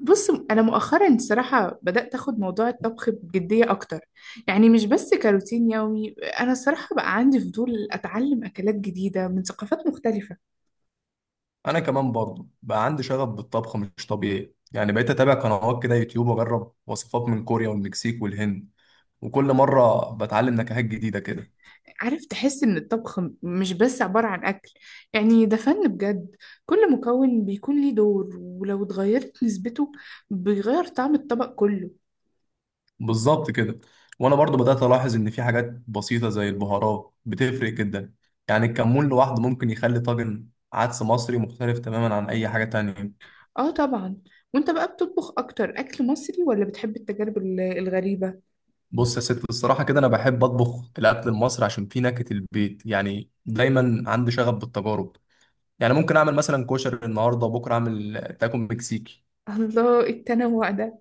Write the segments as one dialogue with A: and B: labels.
A: بص، انا مؤخرا الصراحه بدات اخد موضوع الطبخ بجديه اكتر. يعني مش بس كروتين يومي. انا الصراحه بقى عندي فضول اتعلم اكلات جديده من ثقافات مختلفه.
B: انا كمان برضه بقى عندي شغف بالطبخ مش طبيعي، يعني بقيت اتابع قنوات كده يوتيوب واجرب وصفات من كوريا والمكسيك والهند. وكل مره بتعلم نكهات جديده كده.
A: عارف، تحس ان الطبخ مش بس عباره عن اكل. يعني ده فن بجد. كل مكون بيكون ليه دور، ولو اتغيرت نسبته بيغير طعم الطبق كله.
B: بالظبط كده. وانا برضه بدات الاحظ ان في حاجات بسيطه زي البهارات بتفرق جدا. يعني الكمون لوحده ممكن يخلي طاجن عدس مصري مختلف تماما عن اي حاجه تانية.
A: اه، طبعا. وانت بقى بتطبخ اكتر اكل مصري ولا بتحب التجارب الغريبه؟
B: بص يا ست، الصراحه كده انا بحب اطبخ الاكل المصري عشان فيه نكهه البيت، يعني دايما عندي شغف بالتجارب. يعني ممكن اعمل مثلا كشري النهارده، بكره اعمل تاكو مكسيكي.
A: الله، التنوع ده!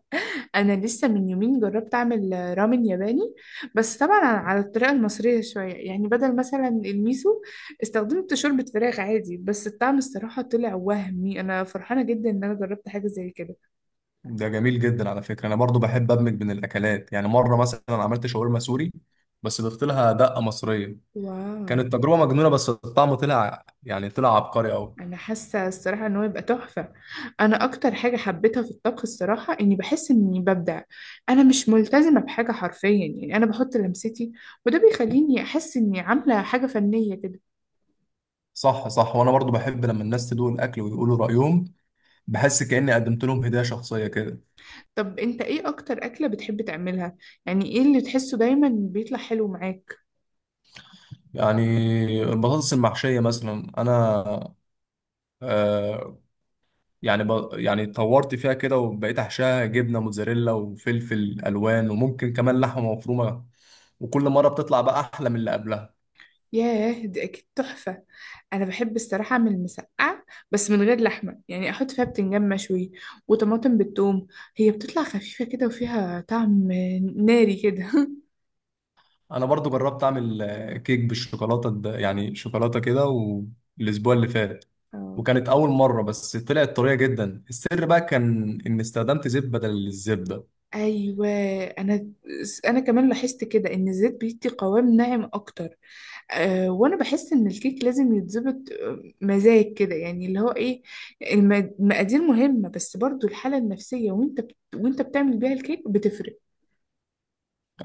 A: انا لسه من يومين جربت اعمل رامن ياباني. بس طبعا على الطريقه المصريه شويه، يعني بدل مثلا الميسو استخدمت شوربه فراخ عادي، بس الطعم الصراحه طلع وهمي. انا فرحانه جدا ان انا جربت حاجه زي كده.
B: ده جميل جدا على فكره، انا برضو بحب ادمج بين الاكلات. يعني مره مثلا عملت شاورما سوري بس ضفت لها دقه مصريه.
A: واو!
B: كانت تجربه مجنونه، بس الطعم طلع، يعني طلع عبقري قوي.
A: انا حاسه الصراحه ان هو يبقى تحفه. انا اكتر حاجه حبيتها في الطبخ الصراحه اني بحس اني ببدع. انا مش ملتزمه بحاجه حرفيا، يعني انا بحط لمستي، وده بيخليني احس اني عامله حاجه فنيه كده.
B: صح صح. وانا برضو بحب لما الناس تدوق الاكل ويقولوا رايهم. بحس كاني قدمت لهم هديه شخصيه كده.
A: طب انت ايه اكتر اكلة بتحب تعملها؟ يعني ايه اللي تحسه دايما بيطلع حلو معاك؟
B: يعني البطاطس المحشيه مثلا انا آه، يعني يعني طورت فيها كده وبقيت احشاها جبنه موتزاريلا وفلفل الوان وممكن كمان لحمه مفرومه. وكل مره بتطلع بقى احلى من اللي قبلها.
A: ياه، دي اكيد تحفة. انا بحب الصراحة اعمل مسقعة، بس من غير لحمة. يعني احط فيها بتنجان مشوي وطماطم بالثوم. هي بتطلع خفيفة كده وفيها طعم ناري كده
B: انا برضو جربت اعمل كيك بالشوكولاته يعني شوكولاته كده. والاسبوع اللي فات
A: اه.
B: وكانت اول مره، بس طلعت طريه جدا. السر بقى كان ان استخدمت زيت بدل الزبده.
A: ايوه. انا انا كمان لاحظت كده ان الزيت بيدي قوام ناعم اكتر. وانا بحس ان الكيك لازم يتظبط مزاج كده، يعني اللي هو ايه. المقادير مهمة، بس برضو الحالة النفسية وانت بتعمل بيها الكيك بتفرق.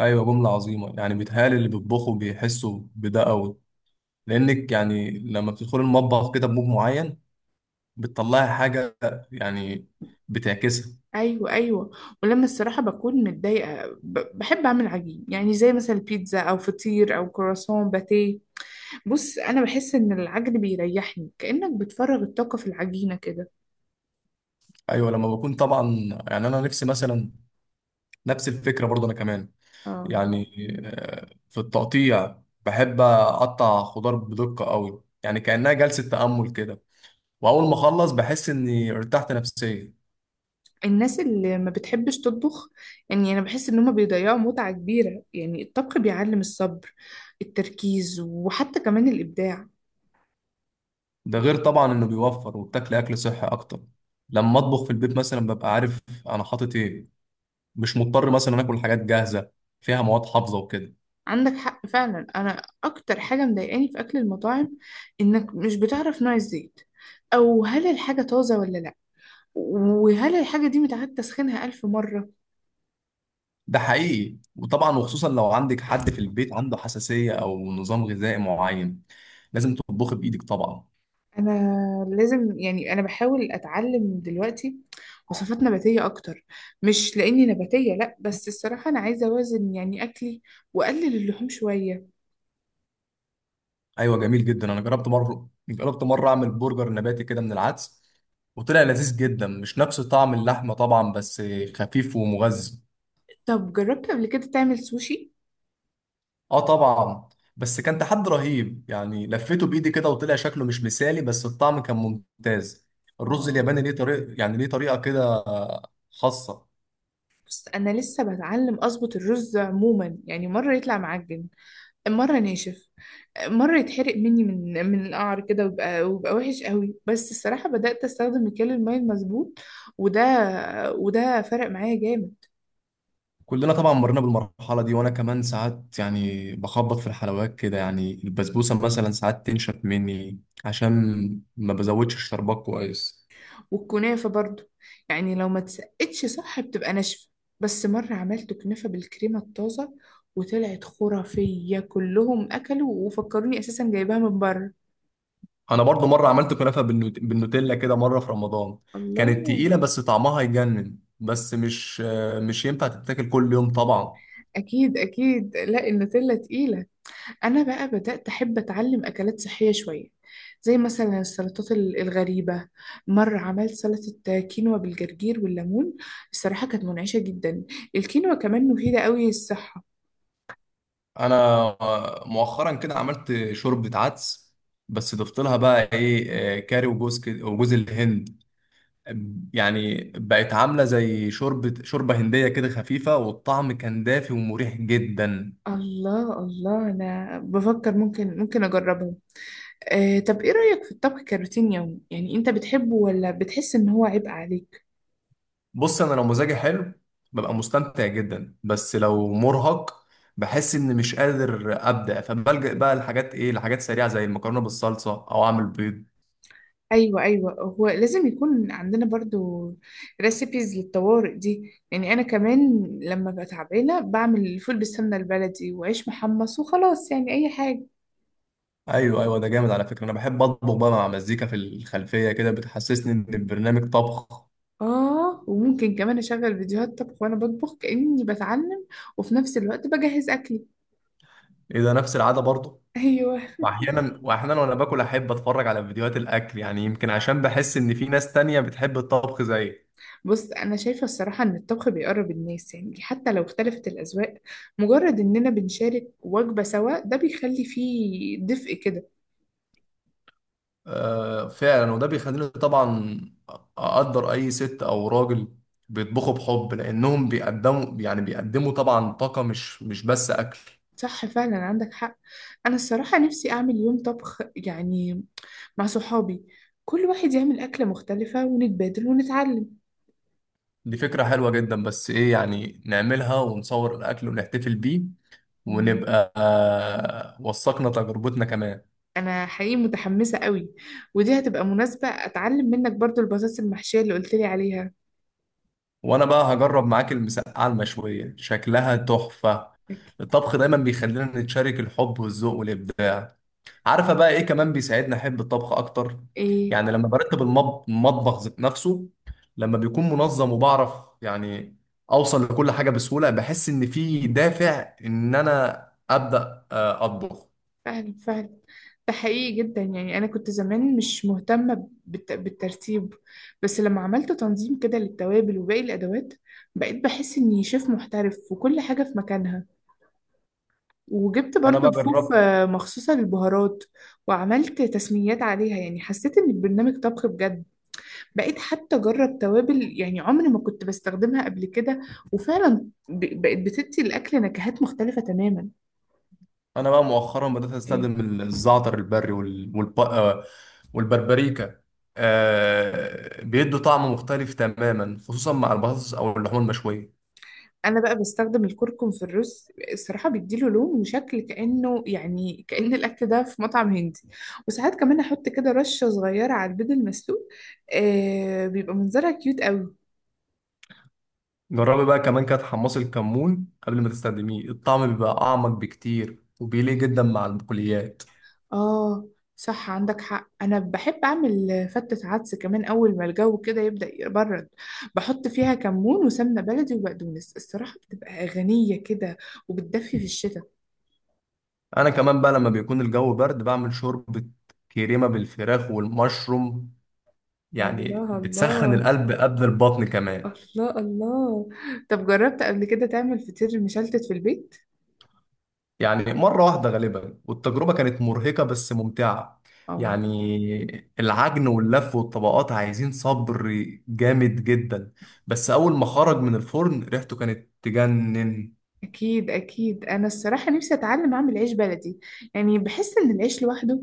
B: ايوه، جمله عظيمه. يعني بيتهيألي اللي بيطبخوا بيحسوا بده قوي، لانك يعني لما بتدخل المطبخ كده بمود معين بتطلعي حاجة، يعني بتعكسها.
A: ايوه، ايوه. ولما الصراحة بكون متضايقة، بحب اعمل عجين، يعني زي مثلا بيتزا او فطير او كرواسون باتيه. بص، انا بحس ان العجن بيريحني، كأنك بتفرغ الطاقة في العجينة كده.
B: أيوة لما بكون طبعا، يعني أنا نفسي مثلا، نفس الفكرة برضه أنا كمان.
A: اه.
B: يعني في التقطيع بحب أقطع خضار بدقة قوي، يعني كأنها جلسة تأمل كده. وأول ما أخلص بحس إني ارتحت نفسيا.
A: الناس اللي ما بتحبش تطبخ، يعني انا بحس ان هما بيضيعوا متعة كبيرة. يعني الطبخ بيعلم الصبر، التركيز، وحتى كمان الابداع.
B: ده غير طبعا إنه بيوفر وبتاكل أكل صحي أكتر. لما أطبخ في البيت مثلا ببقى عارف أنا حاطط إيه، مش مضطر مثلا آكل حاجات جاهزة فيها مواد حافظة وكده.
A: عندك حق فعلا. انا اكتر حاجة مضايقاني في اكل المطاعم انك مش بتعرف نوع الزيت، او هل الحاجة طازة ولا لا، وهل الحاجة دي متعاد تسخينها الف مرة.
B: ده حقيقي، وطبعا وخصوصا لو عندك حد في البيت عنده حساسية او نظام غذائي معين، لازم تطبخي بايدك طبعا.
A: انا لازم، يعني انا بحاول اتعلم دلوقتي وصفات نباتيه اكتر. مش لاني نباتيه، لا، بس الصراحه انا عايزه اوازن يعني اكلي، واقلل اللحوم شويه.
B: ايوه، جميل جدا. انا جربت مره، جربت مره اعمل برجر نباتي كده من العدس وطلع لذيذ جدا. مش نفس طعم اللحمه طبعا بس خفيف ومغذي.
A: طب جربت قبل كده تعمل سوشي؟
B: اه طبعا. بس كان تحدي رهيب، يعني لفيته بايدي كده وطلع شكله مش مثالي، بس الطعم كان ممتاز. الرز
A: اه.
B: الياباني ليه طريقه، يعني ليه طريقه كده خاصه.
A: بس انا لسه بتعلم اظبط الرز عموما. يعني مره يطلع معجن، مره ناشف، مره يتحرق مني من القعر كده، ويبقى وحش قوي. بس الصراحه بدات استخدم مكيال الميه المظبوط، وده وده فرق معايا جامد.
B: كلنا طبعا مرينا بالمرحلة دي. وأنا كمان ساعات يعني بخبط في الحلويات كده. يعني البسبوسة مثلا ساعات تنشف مني عشان ما بزودش الشربات كويس.
A: والكنافة برضو، يعني لو ما اتسقتش صح بتبقى ناشفة. بس مرة عملت كنافة بالكريمة الطازة وطلعت خرافية، كلهم أكلوا وفكروني أساسا جايباها من بره.
B: أنا برضو مرة عملت كنافة بالنوتيلا كده مرة في رمضان. كانت
A: الله!
B: تقيلة بس طعمها يجنن، بس مش ينفع تتاكل كل يوم طبعا.
A: أكيد، أكيد، لا، النوتيلا تقيلة. أنا بقى بدأت أحب أتعلم أكلات صحية شوية، زي مثلا السلطات الغريبة. مرة عملت سلطة كينوا بالجرجير والليمون، الصراحة كانت منعشة جدا. الكينوا كمان مفيدة قوي للصحة.
B: أنا مؤخرا كده عملت شوربة عدس، بس ضفت لها بقى إيه، كاري وجوز الهند. يعني بقت عاملة زي شوربة هندية كده خفيفة، والطعم كان دافي ومريح جدا.
A: الله، الله. انا بفكر ممكن اجربهم. طب ايه رأيك في الطبخ كروتين يومي؟ يعني انت بتحبه ولا بتحس ان هو عبء عليك؟
B: بص، أنا لو مزاجي حلو ببقى مستمتع جدا، بس لو مرهق بحس إني مش قادر أبدأ، فبلجأ بقى لحاجات إيه، لحاجات سريعة زي المكرونة بالصلصة أو أعمل بيض.
A: ايوه، ايوه، هو لازم يكون عندنا برضو ريسيبيز للطوارئ دي. يعني انا كمان لما ببقى تعبانه بعمل فول بالسمنه البلدي وعيش محمص وخلاص، يعني اي حاجه.
B: أيوه أيوه، ده جامد على فكرة. أنا بحب أطبخ بقى مع مزيكا في الخلفية كده، بتحسسني إن البرنامج طبخ.
A: اه، وممكن كمان اشغل فيديوهات طبخ وانا بطبخ كأني بتعلم، وفي نفس الوقت بجهز اكلي.
B: إيه ده، نفس العادة برضه.
A: ايوه.
B: واحيانا، وانا باكل احب اتفرج على فيديوهات الاكل، يعني يمكن عشان بحس ان في ناس تانية بتحب الطبخ زيي.
A: بص، أنا شايفة الصراحة إن الطبخ بيقرب الناس، يعني حتى لو اختلفت الأذواق، مجرد إننا بنشارك وجبة سوا ده بيخلي فيه دفء كده.
B: آه فعلا. وده بيخليني طبعا اقدر اي ست او راجل بيطبخوا، بحب لانهم بيقدموا، يعني بيقدموا طبعا طاقة، مش بس اكل.
A: صح فعلا، عندك حق. أنا الصراحة نفسي أعمل يوم طبخ، يعني مع صحابي، كل واحد يعمل أكلة مختلفة ونتبادل ونتعلم.
B: دي فكرة حلوة جدا. بس ايه، يعني نعملها ونصور الاكل ونحتفل بيه
A: مم.
B: ونبقى آه وثقنا تجربتنا كمان.
A: أنا حقيقي متحمسة قوي، ودي هتبقى مناسبة أتعلم منك برضو البطاطس المحشية اللي قلتلي عليها.
B: وانا بقى هجرب معاك المسقعه المشويه، شكلها تحفه.
A: أوكي.
B: الطبخ دايما بيخلينا نتشارك الحب والذوق والابداع. عارفه بقى ايه كمان بيساعدني احب الطبخ اكتر؟
A: إيه؟
B: يعني لما برتب المطبخ ذات نفسه، لما بيكون منظم وبعرف يعني اوصل لكل حاجه بسهوله، بحس ان في دافع ان انا ابدا اطبخ.
A: فعلا، فعلا. ده حقيقي جدا. يعني أنا كنت زمان مش مهتمة بالترتيب، بس لما عملت تنظيم كده للتوابل وباقي الأدوات بقيت بحس إني شيف محترف وكل حاجة في مكانها. وجبت
B: انا
A: برضو
B: بقى
A: رفوف
B: جربت.
A: مخصوصة للبهارات، وعملت تسميات عليها. يعني حسيت إن البرنامج طبخ بجد. بقيت حتى أجرب توابل يعني عمري ما كنت بستخدمها قبل كده، وفعلا بقت بتدي الأكل نكهات مختلفة تماما.
B: انا بقى مؤخرا بدأت استخدم الزعتر البري والبربريكا. بيدوا طعم مختلف تماما، خصوصا مع البطاطس او اللحوم المشوية.
A: انا بقى بستخدم الكركم في الرز. الصراحه بيديله لون وشكل كانه، يعني كان الاكل ده في مطعم هندي. وساعات كمان احط كده رشه صغيره على البيض المسلوق، بيبقى منظرها كيوت قوي.
B: جربي بقى كمان كده تحمصي الكمون قبل ما تستخدميه، الطعم بيبقى اعمق بكتير وبيليق جدا مع البقوليات.
A: اه، صح، عندك حق. انا بحب اعمل فتة عدس كمان اول ما الجو كده يبدا يبرد. بحط فيها كمون وسمنه بلدي وبقدونس. الصراحه بتبقى غنيه كده، وبتدفي في الشتاء.
B: انا كمان بقى لما بيكون الجو برد بعمل شوربة كريمة بالفراخ والمشروم، يعني
A: الله،
B: بتسخن
A: الله.
B: القلب قبل البطن كمان.
A: الله، الله. طب جربت قبل كده تعمل فطير مشلتت في البيت؟
B: يعني مرة واحدة غالبا، والتجربة كانت مرهقة بس ممتعة.
A: اه.
B: يعني العجن واللف والطبقات عايزين صبر جامد جدا، بس أول ما خرج من الفرن ريحته كانت تجنن.
A: أكيد، أكيد. أنا الصراحة نفسي أتعلم أعمل عيش بلدي. يعني بحس إن العيش لوحده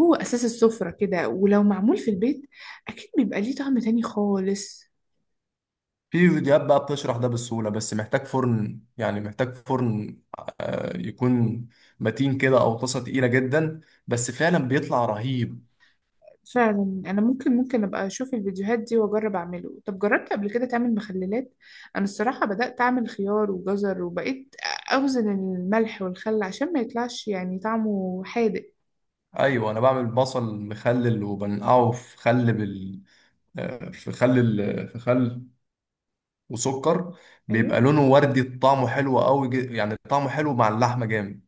A: هو أساس السفرة كده، ولو معمول في البيت أكيد بيبقى ليه طعم تاني خالص.
B: في فيديوهات بقى بتشرح ده بسهولة، بس محتاج فرن، يعني محتاج فرن يكون متين كده أو طاسة تقيلة جدا، بس فعلا بيطلع رهيب.
A: فعلا، أنا ممكن أبقى أشوف الفيديوهات دي وأجرب أعمله. طب جربت قبل كده تعمل مخللات؟ أنا الصراحة بدأت أعمل خيار وجزر، وبقيت أوزن الملح والخل عشان ما يطلعش يعني طعمه حادق.
B: أيوة، أنا بعمل بصل مخلل وبنقعه في خل بال آه، في خل ال... في خل وسكر. بيبقى
A: أيوه.
B: لونه وردي، طعمه حلو قوي، يعني طعمه حلو مع اللحمة جامد.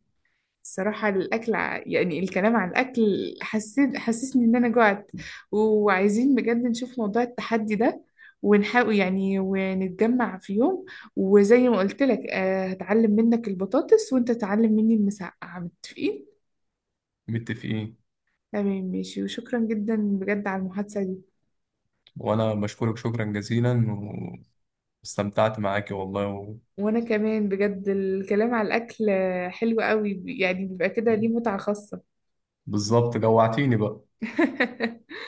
A: الصراحة الأكل، يعني الكلام عن الأكل حسسني إن أنا جوعت. وعايزين بجد نشوف موضوع التحدي ده، ونحاول يعني ونتجمع في يوم. وزي ما قلت لك هتعلم منك البطاطس وأنت تعلم مني المسقعة. متفقين؟
B: متفقين.
A: تمام، ماشي. وشكرا جدا بجد على المحادثة دي.
B: وانا بشكرك شكرا جزيلا، واستمتعت معاكي والله
A: وأنا كمان بجد، الكلام على الأكل حلو قوي، يعني بيبقى كده ليه متعة خاصة.
B: بالظبط، جوعتيني بقى.